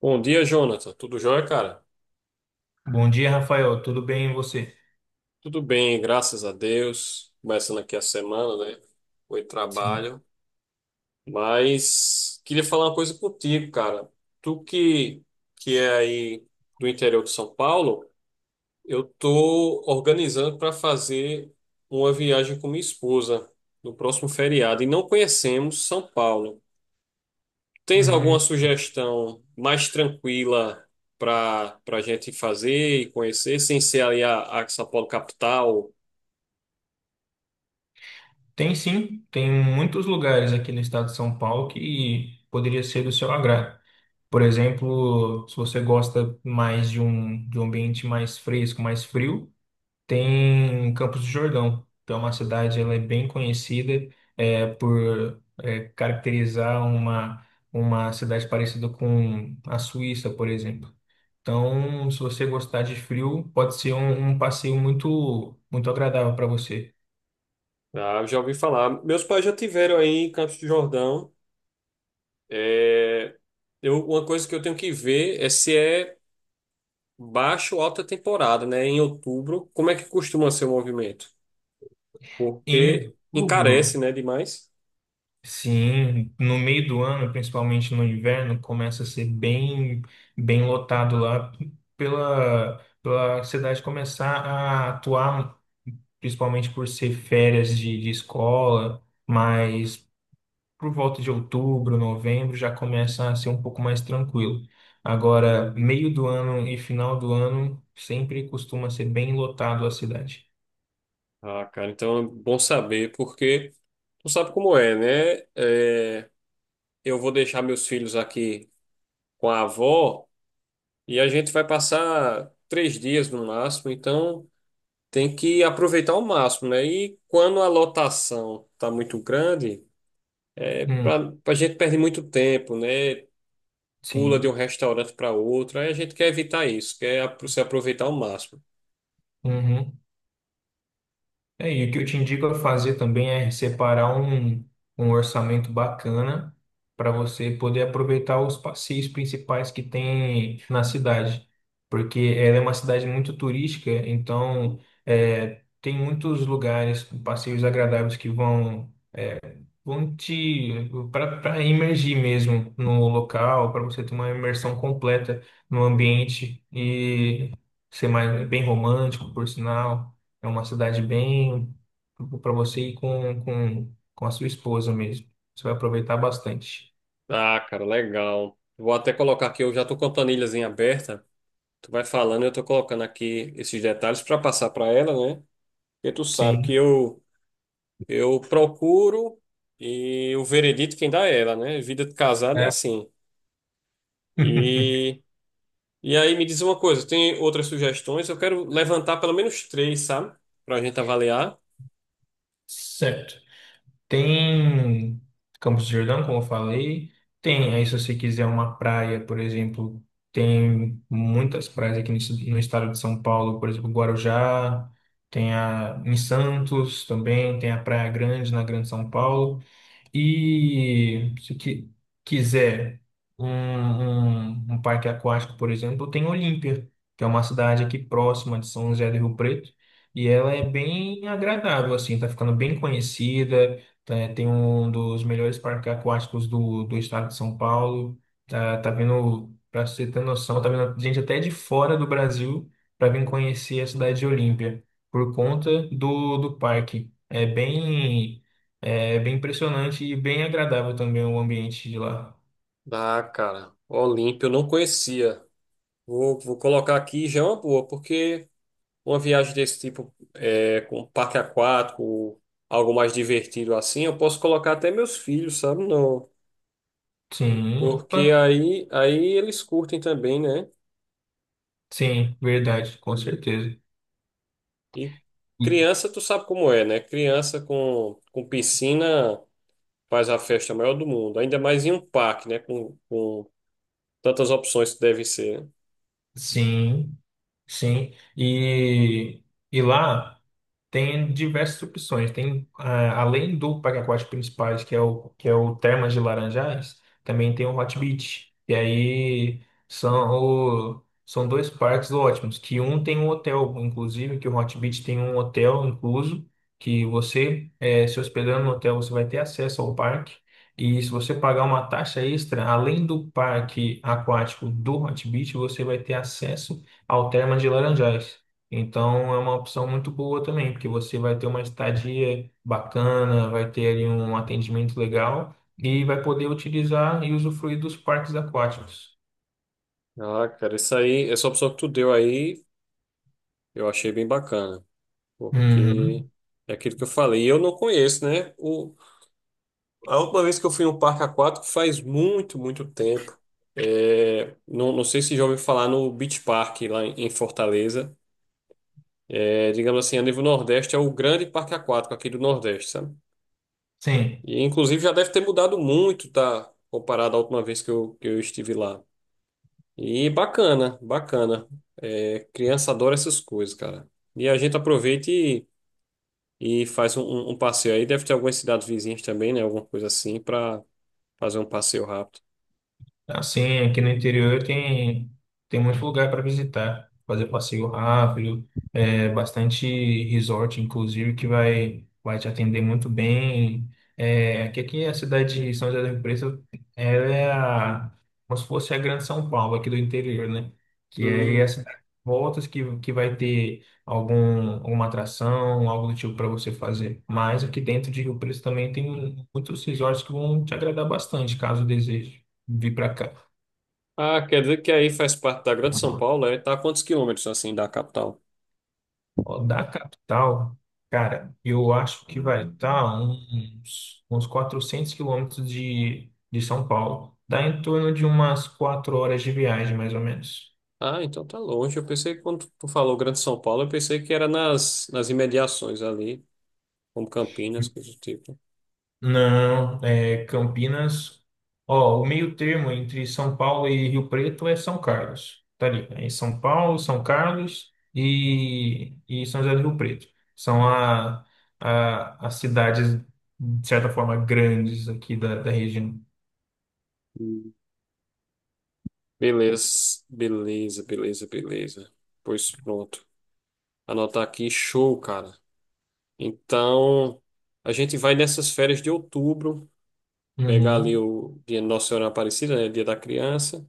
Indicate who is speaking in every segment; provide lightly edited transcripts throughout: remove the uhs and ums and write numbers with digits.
Speaker 1: Bom dia, Jonathan. Tudo jóia, cara?
Speaker 2: Bom dia, Rafael. Tudo bem e você?
Speaker 1: Tudo bem, graças a Deus. Começando aqui a semana, né? Foi
Speaker 2: Sim.
Speaker 1: trabalho. Mas queria falar uma coisa contigo, cara. Tu que, que é aí do interior de São Paulo, eu tô organizando para fazer uma viagem com minha esposa no próximo feriado e não conhecemos São Paulo. Tens alguma
Speaker 2: Uhum.
Speaker 1: sugestão mais tranquila para para gente fazer e conhecer, sem ser ali a São Paulo capital?
Speaker 2: Tem sim, tem muitos lugares aqui no estado de São Paulo que poderia ser do seu agrado. Por exemplo, se você gosta mais de um ambiente mais fresco, mais frio, tem Campos do Jordão, que é uma cidade, ela é bem conhecida caracterizar uma cidade parecida com a Suíça, por exemplo. Então, se você gostar de frio, pode ser um passeio muito, muito agradável para você.
Speaker 1: Ah, eu já ouvi falar. Meus pais já tiveram aí em Campos do Jordão. É, eu, uma coisa que eu tenho que ver é se é baixa ou alta temporada, né? Em outubro, como é que costuma ser o movimento?
Speaker 2: Em
Speaker 1: Porque
Speaker 2: outubro,
Speaker 1: encarece, né, demais.
Speaker 2: sim, no meio do ano, principalmente no inverno, começa a ser bem lotado lá pela cidade começar a atuar, principalmente por ser férias de escola, mas por volta de outubro, novembro, já começa a ser um pouco mais tranquilo. Agora, meio do ano e final do ano sempre costuma ser bem lotado a cidade.
Speaker 1: Ah, cara, então é bom saber, porque tu sabe como é, né? É, eu vou deixar meus filhos aqui com a avó e a gente vai passar 3 dias no máximo, então tem que aproveitar ao máximo, né? E quando a lotação tá muito grande,
Speaker 2: Hum,
Speaker 1: para a gente perde muito tempo, né? Pula de um
Speaker 2: sim.
Speaker 1: restaurante para outro, aí a gente quer evitar isso, se aproveitar ao máximo.
Speaker 2: Uhum. É, e o que eu te indico a fazer também é separar um orçamento bacana para você poder aproveitar os passeios principais que tem na cidade, porque ela é uma cidade muito turística, então tem muitos lugares, passeios agradáveis que vão Vão te para imergir mesmo no local, para você ter uma imersão completa no ambiente e ser mais bem romântico, por sinal. É uma cidade bem para você ir com a sua esposa mesmo. Você vai aproveitar bastante.
Speaker 1: Ah, cara, legal. Vou até colocar aqui, eu já tô com a planilhazinha aberta. Tu vai falando, eu tô colocando aqui esses detalhes para passar para ela, né? Porque tu sabe que
Speaker 2: Sim.
Speaker 1: eu procuro e o veredito quem dá é ela, né? Vida de casado é
Speaker 2: É.
Speaker 1: assim. E, e aí me diz uma coisa, tem outras sugestões? Eu quero levantar pelo menos três, sabe? Pra gente avaliar.
Speaker 2: Certo. Tem Campos do Jordão, como eu falei. Tem, aí se você quiser uma praia, por exemplo, tem muitas praias aqui no estado de São Paulo, por exemplo, Guarujá, tem a em Santos também, tem a Praia Grande na Grande São Paulo. E se qui- quiser um parque aquático, por exemplo, tem Olímpia, que é uma cidade aqui próxima de São José do Rio Preto, e ela é bem agradável, assim, tá ficando bem conhecida, tem um dos melhores parques aquáticos do estado de São Paulo, tá vindo, para você ter noção, tá vindo gente até de fora do Brasil para vir conhecer a cidade de Olímpia, por conta do parque. É bem impressionante e bem agradável também o ambiente de lá.
Speaker 1: Ah, cara, Olímpio eu não conhecia. Vou colocar aqui, já é uma boa, porque uma viagem desse tipo é, com parque aquático, algo mais divertido assim, eu posso colocar até meus filhos, sabe? Não,
Speaker 2: Sim, opa,
Speaker 1: porque aí eles curtem também, né?
Speaker 2: sim, verdade, com certeza.
Speaker 1: E
Speaker 2: E-
Speaker 1: criança, tu sabe como é, né? Criança com piscina faz a festa maior do mundo. Ainda mais em um parque, né? Com tantas opções que deve ser.
Speaker 2: Sim, sim. E lá. Tem diversas opções. Tem, ah, além do parque aquático principais, que é o Termas de Laranjais, também tem o Hot Beach. E aí são, são dois parques ótimos, que um tem um hotel, inclusive, que o Hot Beach tem um hotel incluso, que você, se hospedando no hotel, você vai ter acesso ao parque. E se você pagar uma taxa extra, além do parque aquático do Hot Beach, você vai ter acesso ao Termas de Laranjais. Então é uma opção muito boa também, porque você vai ter uma estadia bacana, vai ter ali um atendimento legal e vai poder utilizar e usufruir dos parques aquáticos.
Speaker 1: Né? Ah, cara, isso aí, essa opção que tu deu aí, eu achei bem bacana. Porque
Speaker 2: Uhum.
Speaker 1: é aquilo que eu falei. E eu não conheço, né? O, a última vez que eu fui em um parque aquático faz muito, muito tempo. É, não, não sei se já ouviu falar no Beach Park lá em Fortaleza. É, digamos assim, a nível Nordeste é o grande parque aquático aqui do Nordeste, sabe?
Speaker 2: Sim.
Speaker 1: E inclusive já deve ter mudado muito, tá? Comparado à última vez que eu estive lá. E bacana, bacana. É, criança adora essas coisas, cara. E a gente aproveita e faz um passeio aí. Deve ter algumas cidades vizinhas também, né? Alguma coisa assim, para fazer um passeio rápido.
Speaker 2: Assim, aqui no interior tem muito lugar para visitar, fazer passeio rápido, bastante resort, inclusive, que vai te atender muito bem. Aqui a cidade de São José do Rio Preto, ela é a, como se fosse a Grande São Paulo aqui do interior, né? Que é
Speaker 1: Hum.
Speaker 2: as voltas que vai ter alguma atração, algo do tipo para você fazer. Mas aqui dentro de Rio Preto também tem muitos resorts que vão te agradar bastante, caso deseje vir para cá.
Speaker 1: Ah, quer dizer que aí faz parte da Grande São Paulo, é? Tá a quantos quilômetros assim da capital?
Speaker 2: Ó, da capital, cara, eu acho que vai estar uns 400 quilômetros de São Paulo. Dá em torno de umas quatro horas de viagem, mais ou menos.
Speaker 1: Ah, então tá longe. Eu pensei que quando tu falou Grande São Paulo, eu pensei que era nas imediações ali, como Campinas, coisa do tipo.
Speaker 2: Não, é Campinas. Ó, o meio termo entre São Paulo e Rio Preto é São Carlos. Tá ali. É São Paulo, São Carlos e São José do Rio Preto. São a, as cidades, de certa forma, grandes aqui da região.
Speaker 1: Beleza, beleza, beleza, beleza. Pois pronto. Anotar aqui, show, cara. Então, a gente vai nessas férias de outubro, pegar ali
Speaker 2: Uhum.
Speaker 1: o dia Nossa Senhora Aparecida, né? Dia da criança.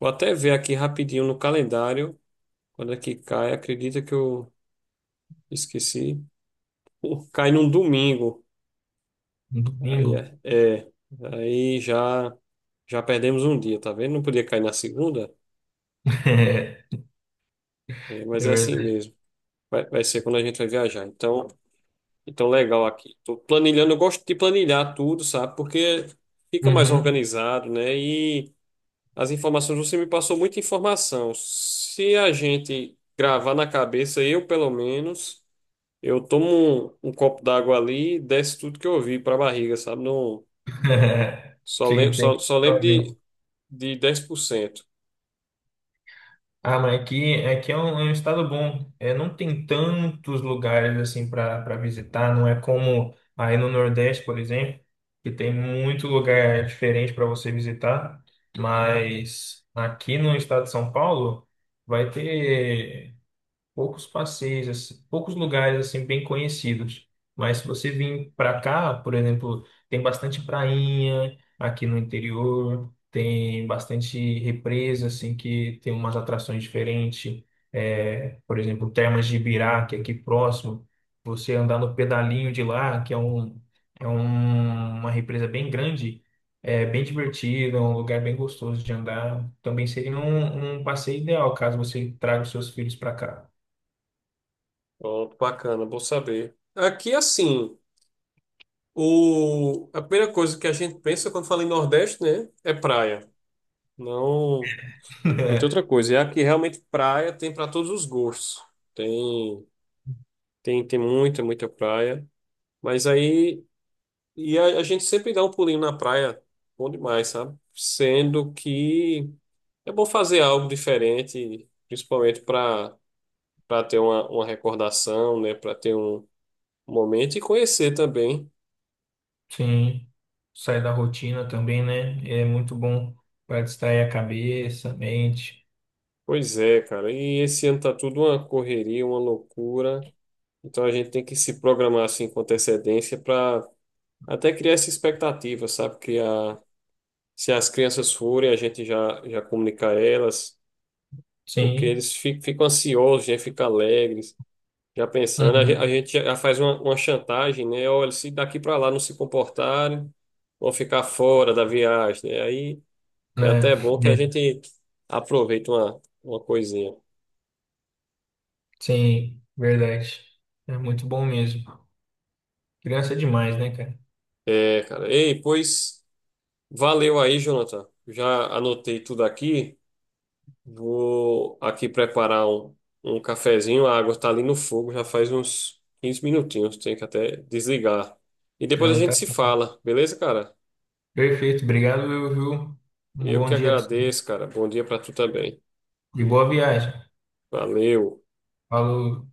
Speaker 1: Vou até ver aqui rapidinho no calendário, quando é que cai, acredita que eu esqueci. Pô, cai num domingo.
Speaker 2: Um
Speaker 1: Aí
Speaker 2: domingo.
Speaker 1: é, é. Aí já perdemos um dia, tá vendo? Não podia cair na segunda,
Speaker 2: É,
Speaker 1: é, mas
Speaker 2: é
Speaker 1: é assim
Speaker 2: verdade.
Speaker 1: mesmo. Vai ser quando a gente vai viajar. Então, legal aqui. Tô planilhando, eu gosto de planilhar tudo, sabe? Porque fica mais
Speaker 2: Uhum.
Speaker 1: organizado, né? E as informações, você me passou muita informação. Se a gente gravar na cabeça, eu pelo menos, eu tomo um copo d'água ali e desce tudo que eu vi para a barriga, sabe? Não,
Speaker 2: Te entendo.
Speaker 1: só lembro de 10%.
Speaker 2: Ah, mas aqui é é um estado bom. É, não tem tantos lugares assim para para visitar. Não é como aí no Nordeste, por exemplo, que tem muito lugar diferente para você visitar. Mas aqui no estado de São Paulo vai ter poucos passeios, assim, poucos lugares assim bem conhecidos. Mas se você vir para cá, por exemplo, tem bastante prainha aqui no interior, tem bastante represa assim que tem umas atrações diferentes. É, por exemplo, Termas de Ibirá, que é aqui próximo, você andar no pedalinho de lá, que é um é uma represa bem grande. É bem divertido, é um lugar bem gostoso de andar. Também seria um passeio ideal caso você traga os seus filhos para cá.
Speaker 1: Pronto, bacana, bom saber. Aqui, assim, o, a primeira coisa que a gente pensa quando fala em Nordeste, né? É praia. Não. Não tem outra
Speaker 2: É,
Speaker 1: coisa. E aqui realmente praia tem para todos os gostos. Tem, Tem, muita, muita praia. Mas aí, e a gente sempre dá um pulinho na praia, bom demais, sabe? Sendo que é bom fazer algo diferente, principalmente para ter uma recordação, né? Para ter um momento e conhecer também.
Speaker 2: sim, sai da rotina também, né? É muito bom para distrair a cabeça, a mente.
Speaker 1: Pois é, cara. E esse ano tá tudo uma correria, uma loucura. Então a gente tem que se programar assim com antecedência para até criar essa expectativa, sabe? Criar, se as crianças forem, a gente já comunicar elas, porque
Speaker 2: Sim,
Speaker 1: ficam ansiosos, já ficam alegres, já pensando. A
Speaker 2: uhum.
Speaker 1: gente já faz uma chantagem, né? Olha, se daqui para lá não se comportarem, vão ficar fora da viagem, né? Aí é
Speaker 2: Né?
Speaker 1: até bom que a
Speaker 2: É.
Speaker 1: gente aproveita uma coisinha.
Speaker 2: Sim, verdade. É muito bom mesmo. Criança é demais, né, cara?
Speaker 1: É, cara. Ei, pois valeu aí, Jonathan. Já anotei tudo aqui. Vou aqui preparar um cafezinho. A água está ali no fogo, já faz uns 15 minutinhos. Tenho que até desligar. E depois a
Speaker 2: Ah,
Speaker 1: gente
Speaker 2: tá
Speaker 1: se
Speaker 2: certo.
Speaker 1: fala, beleza, cara?
Speaker 2: Perfeito, obrigado, viu? Viu? Um
Speaker 1: Eu
Speaker 2: bom
Speaker 1: que
Speaker 2: dia para você
Speaker 1: agradeço, cara. Bom dia para tu também.
Speaker 2: e boa viagem.
Speaker 1: Valeu.
Speaker 2: Falou.